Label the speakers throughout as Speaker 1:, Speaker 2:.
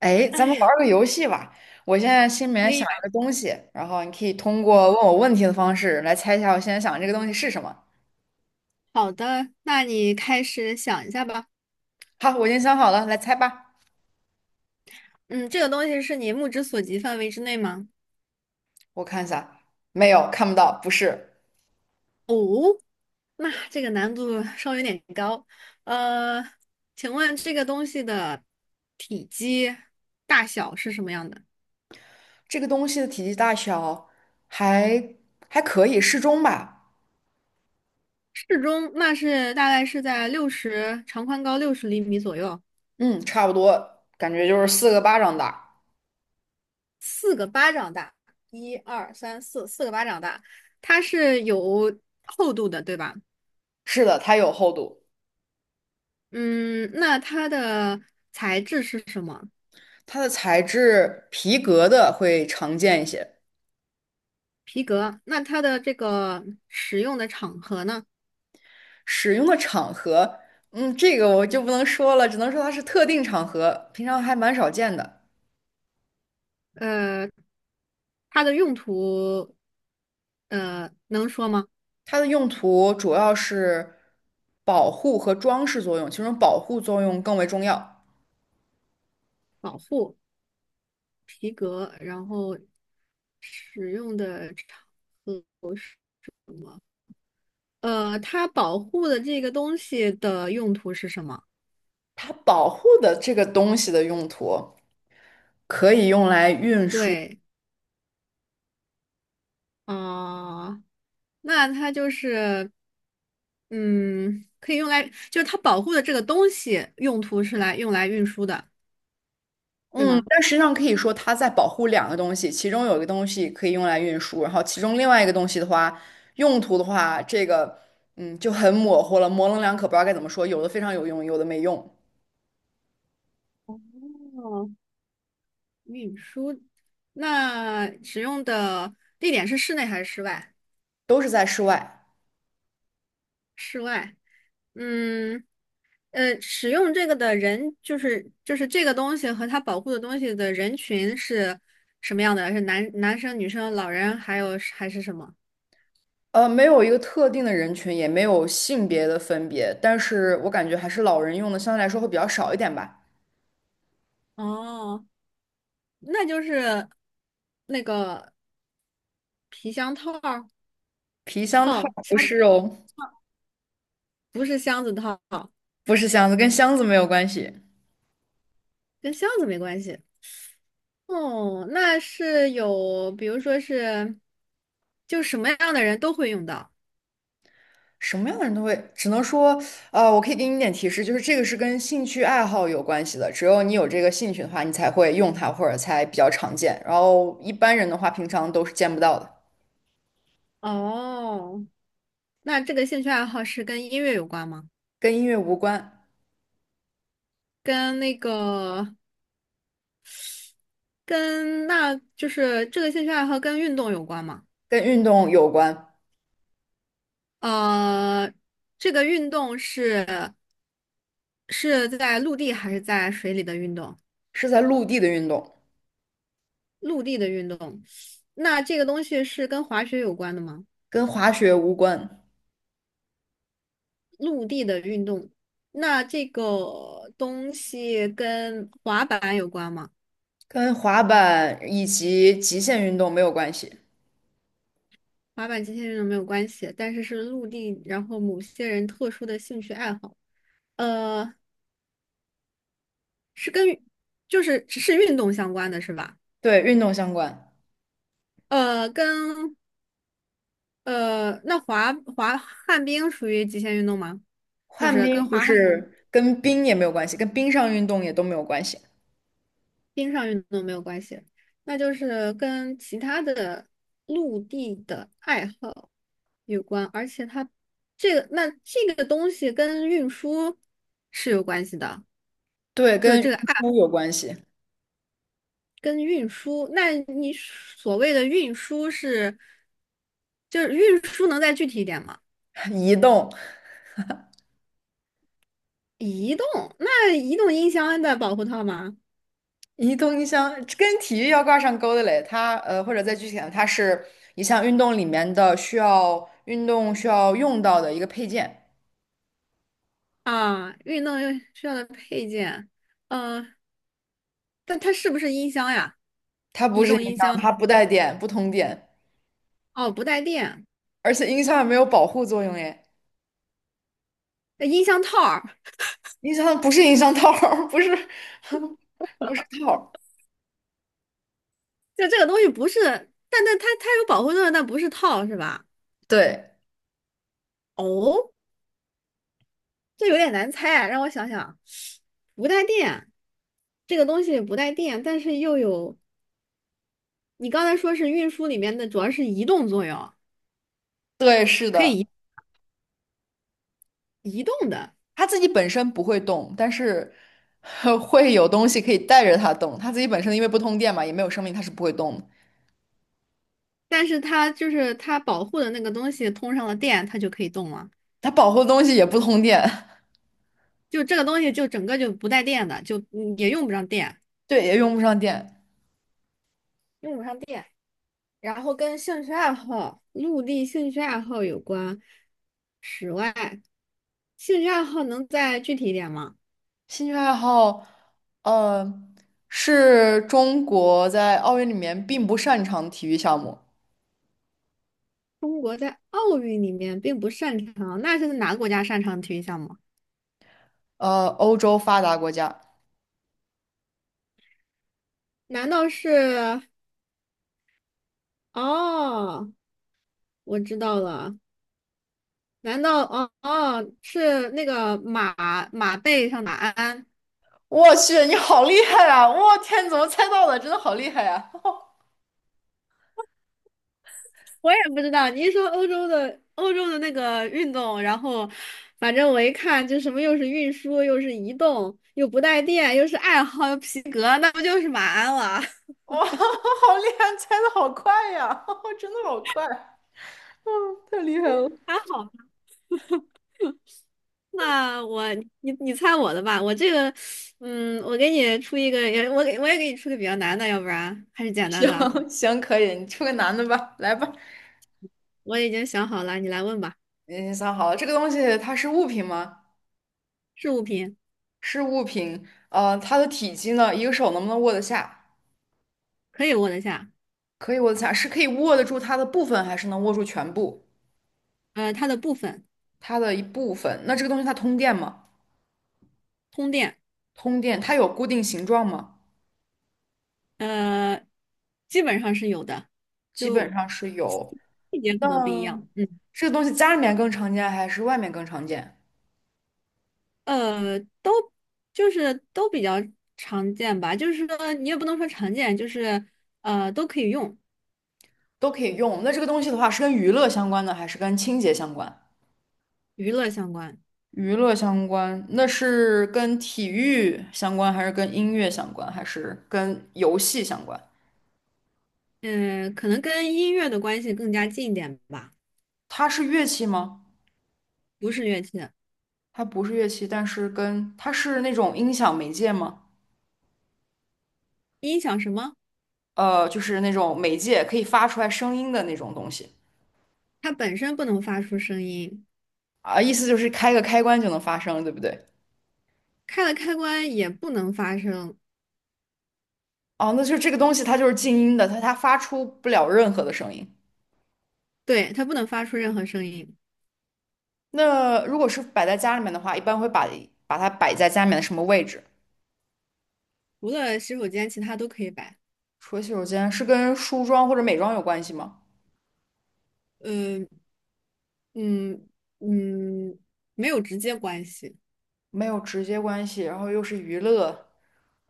Speaker 1: 哎，
Speaker 2: 哎
Speaker 1: 咱们玩
Speaker 2: 呀，
Speaker 1: 儿个游戏吧。我现在心里
Speaker 2: 可
Speaker 1: 面
Speaker 2: 以
Speaker 1: 想
Speaker 2: 呀，
Speaker 1: 一个东西，然后你可以通
Speaker 2: 嗯，
Speaker 1: 过问我问题的方式来猜一下我现在想的这个东西是什么。
Speaker 2: 好的，那你开始想一下吧。
Speaker 1: 好，我已经想好了，来猜吧。
Speaker 2: 嗯，这个东西是你目之所及范围之内吗？
Speaker 1: 我看一下，没有，看不到，不是。
Speaker 2: 哦，那这个难度稍微有点高。呃，请问这个东西的体积大小是什么样的？
Speaker 1: 这个东西的体积大小还还可以，适中吧。
Speaker 2: 适中，那是大概是在六十长宽高60厘米左右，
Speaker 1: 嗯，差不多，感觉就是四个巴掌大。
Speaker 2: 四个巴掌大。一二三四，四个巴掌大。它是有厚度的，对吧？
Speaker 1: 是的，它有厚度，
Speaker 2: 嗯，那它的材质是什么？
Speaker 1: 它的材质皮革的会常见一些。
Speaker 2: 皮革。那它的这个使用的场合呢？
Speaker 1: 使用的场合，嗯，这个我就不能说了，只能说它是特定场合，平常还蛮少见的。
Speaker 2: 呃，它的用途，能说吗？
Speaker 1: 它的用途主要是保护和装饰作用，其中保护作用更为重要。
Speaker 2: 保护皮革，然后使用的场合是什么？它保护的这个东西的用途是什么？
Speaker 1: 它保护的这个东西的用途可以用来运输，
Speaker 2: 对，啊、那它就是，嗯，可以用来，就是它保护的这个东西用途是来用来运输的，对
Speaker 1: 嗯，
Speaker 2: 吗？
Speaker 1: 但实际上可以说它在保护两个东西，其中有一个东西可以用来运输，然后其中另外一个东西的话，用途的话，这个就很模糊了，模棱两可，不知道该怎么说，有的非常有用，有的没用。
Speaker 2: 哦，运输，那使用的地点是室内还是室外？
Speaker 1: 都是在室外。
Speaker 2: 室外。嗯，使用这个的人就是这个东西和它保护的东西的人群是什么样的？是男生、女生、老人，还有还是什么？
Speaker 1: 没有一个特定的人群，也没有性别的分别，但是我感觉还是老人用的相对来说会比较少一点吧。
Speaker 2: 哦，那就是那个。皮箱套儿
Speaker 1: 皮箱套
Speaker 2: 套
Speaker 1: 不
Speaker 2: 箱，
Speaker 1: 是哦，
Speaker 2: 不是箱子套，
Speaker 1: 不是箱子，跟箱子没有关系。
Speaker 2: 跟箱子没关系。哦，那是有，比如说是，就什么样的人都会用到。
Speaker 1: 什么样的人都会，只能说，我可以给你一点提示，就是这个是跟兴趣爱好有关系的。只有你有这个兴趣的话，你才会用它，或者才比较常见。然后一般人的话，平常都是见不到的。
Speaker 2: 哦，那这个兴趣爱好是跟音乐有关吗？
Speaker 1: 跟音乐无关，
Speaker 2: 跟那个，跟那就是这个兴趣爱好跟运动有关吗？
Speaker 1: 跟运动有关，
Speaker 2: 呃，这个运动是在陆地还是在水里的运动？
Speaker 1: 是在陆地的运动，
Speaker 2: 陆地的运动，那这个东西是跟滑雪有关的吗？
Speaker 1: 跟滑雪无关。
Speaker 2: 陆地的运动。那这个东西跟滑板有关吗？
Speaker 1: 跟滑板以及极限运动没有关系，
Speaker 2: 滑板极限运动没有关系，但是是陆地，然后某些人特殊的兴趣爱好。呃，是跟就是只是运动相关的是吧？
Speaker 1: 对，运动相关。
Speaker 2: 跟那滑旱冰属于极限运动吗？就
Speaker 1: 旱
Speaker 2: 是跟
Speaker 1: 冰不
Speaker 2: 滑旱。冰。
Speaker 1: 是跟冰也没有关系，跟冰上运动也都没有关系。
Speaker 2: 冰上运动没有关系，那就是跟其他的陆地的爱好有关，而且它这个那这个东西跟运输是有关系的，
Speaker 1: 对，
Speaker 2: 就
Speaker 1: 跟运
Speaker 2: 这个爱
Speaker 1: 输有关系，
Speaker 2: 跟运输。那你所谓的运输是，就是运输能再具体一点吗？
Speaker 1: 移动，
Speaker 2: 移动，那移动音箱的保护套吗？
Speaker 1: 移动音箱跟体育要挂上钩的嘞。它或者再具体点，它是一项运动里面的需要运动需要用到的一个配件。
Speaker 2: 啊，运动又需要的配件，呃，但它是不是音箱呀？
Speaker 1: 它不
Speaker 2: 移
Speaker 1: 是音
Speaker 2: 动音
Speaker 1: 箱，
Speaker 2: 箱？
Speaker 1: 它不带电，不通电，
Speaker 2: 哦，不带电，
Speaker 1: 而且音箱也没有保护作用耶。
Speaker 2: 那音箱套儿，
Speaker 1: 音箱不是音箱套儿 不是 不是套儿
Speaker 2: 就这个东西不是，但它有保护作用，但不是套是吧？
Speaker 1: 对
Speaker 2: 哦，这有点难猜啊让我想想，不带电，这个东西不带电，但是又有，你刚才说是运输里面的，主要是移动作用，
Speaker 1: 对，是
Speaker 2: 可
Speaker 1: 的，
Speaker 2: 以移动的，
Speaker 1: 他自己本身不会动，但是 会有东西可以带着他动。他自己本身因为不通电嘛，也没有生命，他是不会动的。
Speaker 2: 但是它就是它保护的那个东西通上了电，它就可以动了，
Speaker 1: 他保护的东西也不通电，
Speaker 2: 就这个东西就整个就不带电的，就也用不上电。
Speaker 1: 对，也用不上电。
Speaker 2: 然后跟兴趣爱好、陆地兴趣爱好有关。室外兴趣爱好能再具体一点吗？
Speaker 1: 兴趣爱好，呃，是中国在奥运里面并不擅长的体育项目，
Speaker 2: 中国在奥运里面并不擅长，那是哪个国家擅长体育项目？
Speaker 1: 欧洲发达国家。
Speaker 2: 难道是？哦，我知道了。难道哦哦是那个马背上马鞍？
Speaker 1: 我去，你好厉害啊！我天，你怎么猜到的？真的好厉害呀、
Speaker 2: 我也不知道，你一说欧洲的那个运动，然后反正我一看，就什么又是运输，又是移动，又不带电，又是爱好，又皮革，那不就是马鞍了？
Speaker 1: 哇，好厉害，猜的好快呀！真的好快啊。太厉害了！
Speaker 2: 还好吧那我你猜我的吧，我这个，我给你出一个，也我给我也给你出个比较难的，要不然还是 简单的。
Speaker 1: 行行，可以，你出个男的吧，来吧。
Speaker 2: 我已经想好了，你来问吧。
Speaker 1: 你想好了，这个东西它是物品吗？
Speaker 2: 是物品，
Speaker 1: 是物品。呃，它的体积呢？一个手能不能握得下？
Speaker 2: 可以握得下，
Speaker 1: 可以握得下，是可以握得住它的部分，还是能握住全部？
Speaker 2: 它的部分，
Speaker 1: 它的一部分。那这个东西它通电吗？
Speaker 2: 通电，
Speaker 1: 通电，它有固定形状吗？
Speaker 2: 呃，基本上是有的，
Speaker 1: 基本
Speaker 2: 就
Speaker 1: 上是有。
Speaker 2: 细节可能不一
Speaker 1: 那
Speaker 2: 样。嗯。
Speaker 1: 这个东西家里面更常见，还是外面更常见？
Speaker 2: 都就是都比较常见吧，就是说你也不能说常见，就是都可以用，
Speaker 1: 都可以用。那这个东西的话，是跟娱乐相关的，还是跟清洁相关？
Speaker 2: 娱乐相关，
Speaker 1: 娱乐相关，那是跟体育相关，还是跟音乐相关，还是跟游戏相关？
Speaker 2: 嗯、可能跟音乐的关系更加近一点吧，
Speaker 1: 它是乐器吗？
Speaker 2: 不是乐器，
Speaker 1: 它不是乐器，但是跟它是那种音响媒介吗？
Speaker 2: 音响什么，
Speaker 1: 就是那种媒介可以发出来声音的那种东西
Speaker 2: 它本身不能发出声音，
Speaker 1: 啊，意思就是开个开关就能发声，对不对？
Speaker 2: 开了开关也不能发声，
Speaker 1: 哦，那就这个东西它就是静音的，它发出不了任何的声音。
Speaker 2: 对，它不能发出任何声音，
Speaker 1: 那如果是摆在家里面的话，一般会把它摆在家里面的什么位置？
Speaker 2: 除了洗手间，其他都可以摆，
Speaker 1: 除了洗手间，是跟梳妆或者美妆有关系吗？
Speaker 2: 呃，嗯嗯，没有直接关系。
Speaker 1: 没有直接关系，然后又是娱乐，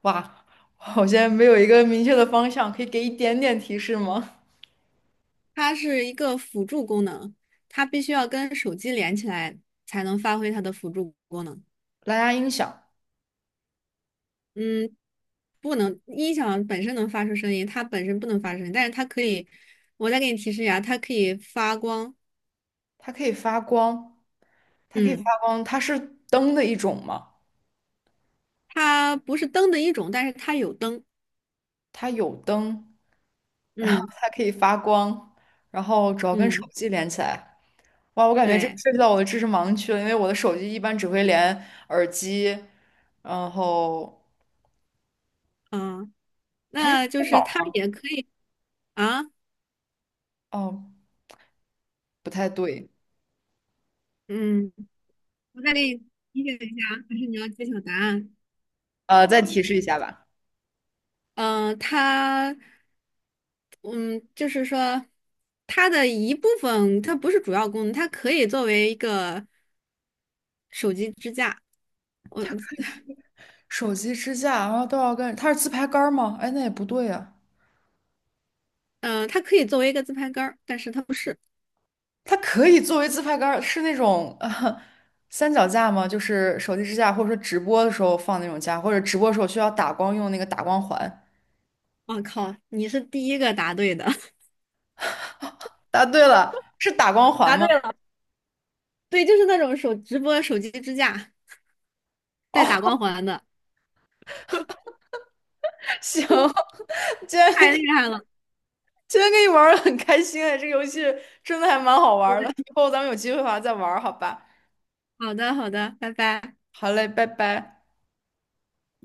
Speaker 1: 哇，我现在没有一个明确的方向，可以给一点点提示吗？
Speaker 2: 它是一个辅助功能，它必须要跟手机连起来才能发挥它的辅助功能。
Speaker 1: 蓝牙音响，
Speaker 2: 嗯，不能，音响本身能发出声音，它本身不能发出声音，但是它可以，我再给你提示一下，它可以发光。
Speaker 1: 它可以发光，它可以发
Speaker 2: 嗯，
Speaker 1: 光，它是灯的一种吗？
Speaker 2: 它不是灯的一种，但是它有灯。
Speaker 1: 它有灯，然后
Speaker 2: 嗯
Speaker 1: 它可以发光，然后主要跟手
Speaker 2: 嗯，
Speaker 1: 机连起来。哇，我感觉这个
Speaker 2: 对，
Speaker 1: 涉及到我的知识盲区了，因为我的手机一般只会连耳机，然后
Speaker 2: 啊，
Speaker 1: 它是充
Speaker 2: 那就
Speaker 1: 电脑
Speaker 2: 是它
Speaker 1: 吗？
Speaker 2: 也可以啊。
Speaker 1: 哦，不太对，
Speaker 2: 嗯，我再给你提醒一下啊，还是你要揭晓答案？
Speaker 1: 再提示一下吧。
Speaker 2: 嗯、它。嗯，就是说，它的一部分，它不是主要功能，它可以作为一个手机支架，我，
Speaker 1: 手机支架，然后都要跟它是自拍杆儿吗？哎，那也不对呀、
Speaker 2: 它可以作为一个自拍杆儿，但是它不是。
Speaker 1: 它可以作为自拍杆儿是那种三脚架吗？就是手机支架，或者说直播的时候放那种架，或者直播的时候需要打光用那个打光环。
Speaker 2: 我靠，你是第一个答对的，
Speaker 1: 答对了，是打光 环
Speaker 2: 答对
Speaker 1: 吗？
Speaker 2: 了，对，就是那种手直播手机支架带
Speaker 1: 哦，
Speaker 2: 打光环的，
Speaker 1: 行，今天
Speaker 2: 太厉
Speaker 1: 跟
Speaker 2: 害了。
Speaker 1: 今天跟你玩的很开心哎，这个游戏真的还蛮好玩儿
Speaker 2: 我
Speaker 1: 的，以后咱们有机会的话再玩儿好吧？
Speaker 2: 好的，好的，拜拜。
Speaker 1: 好嘞，拜拜。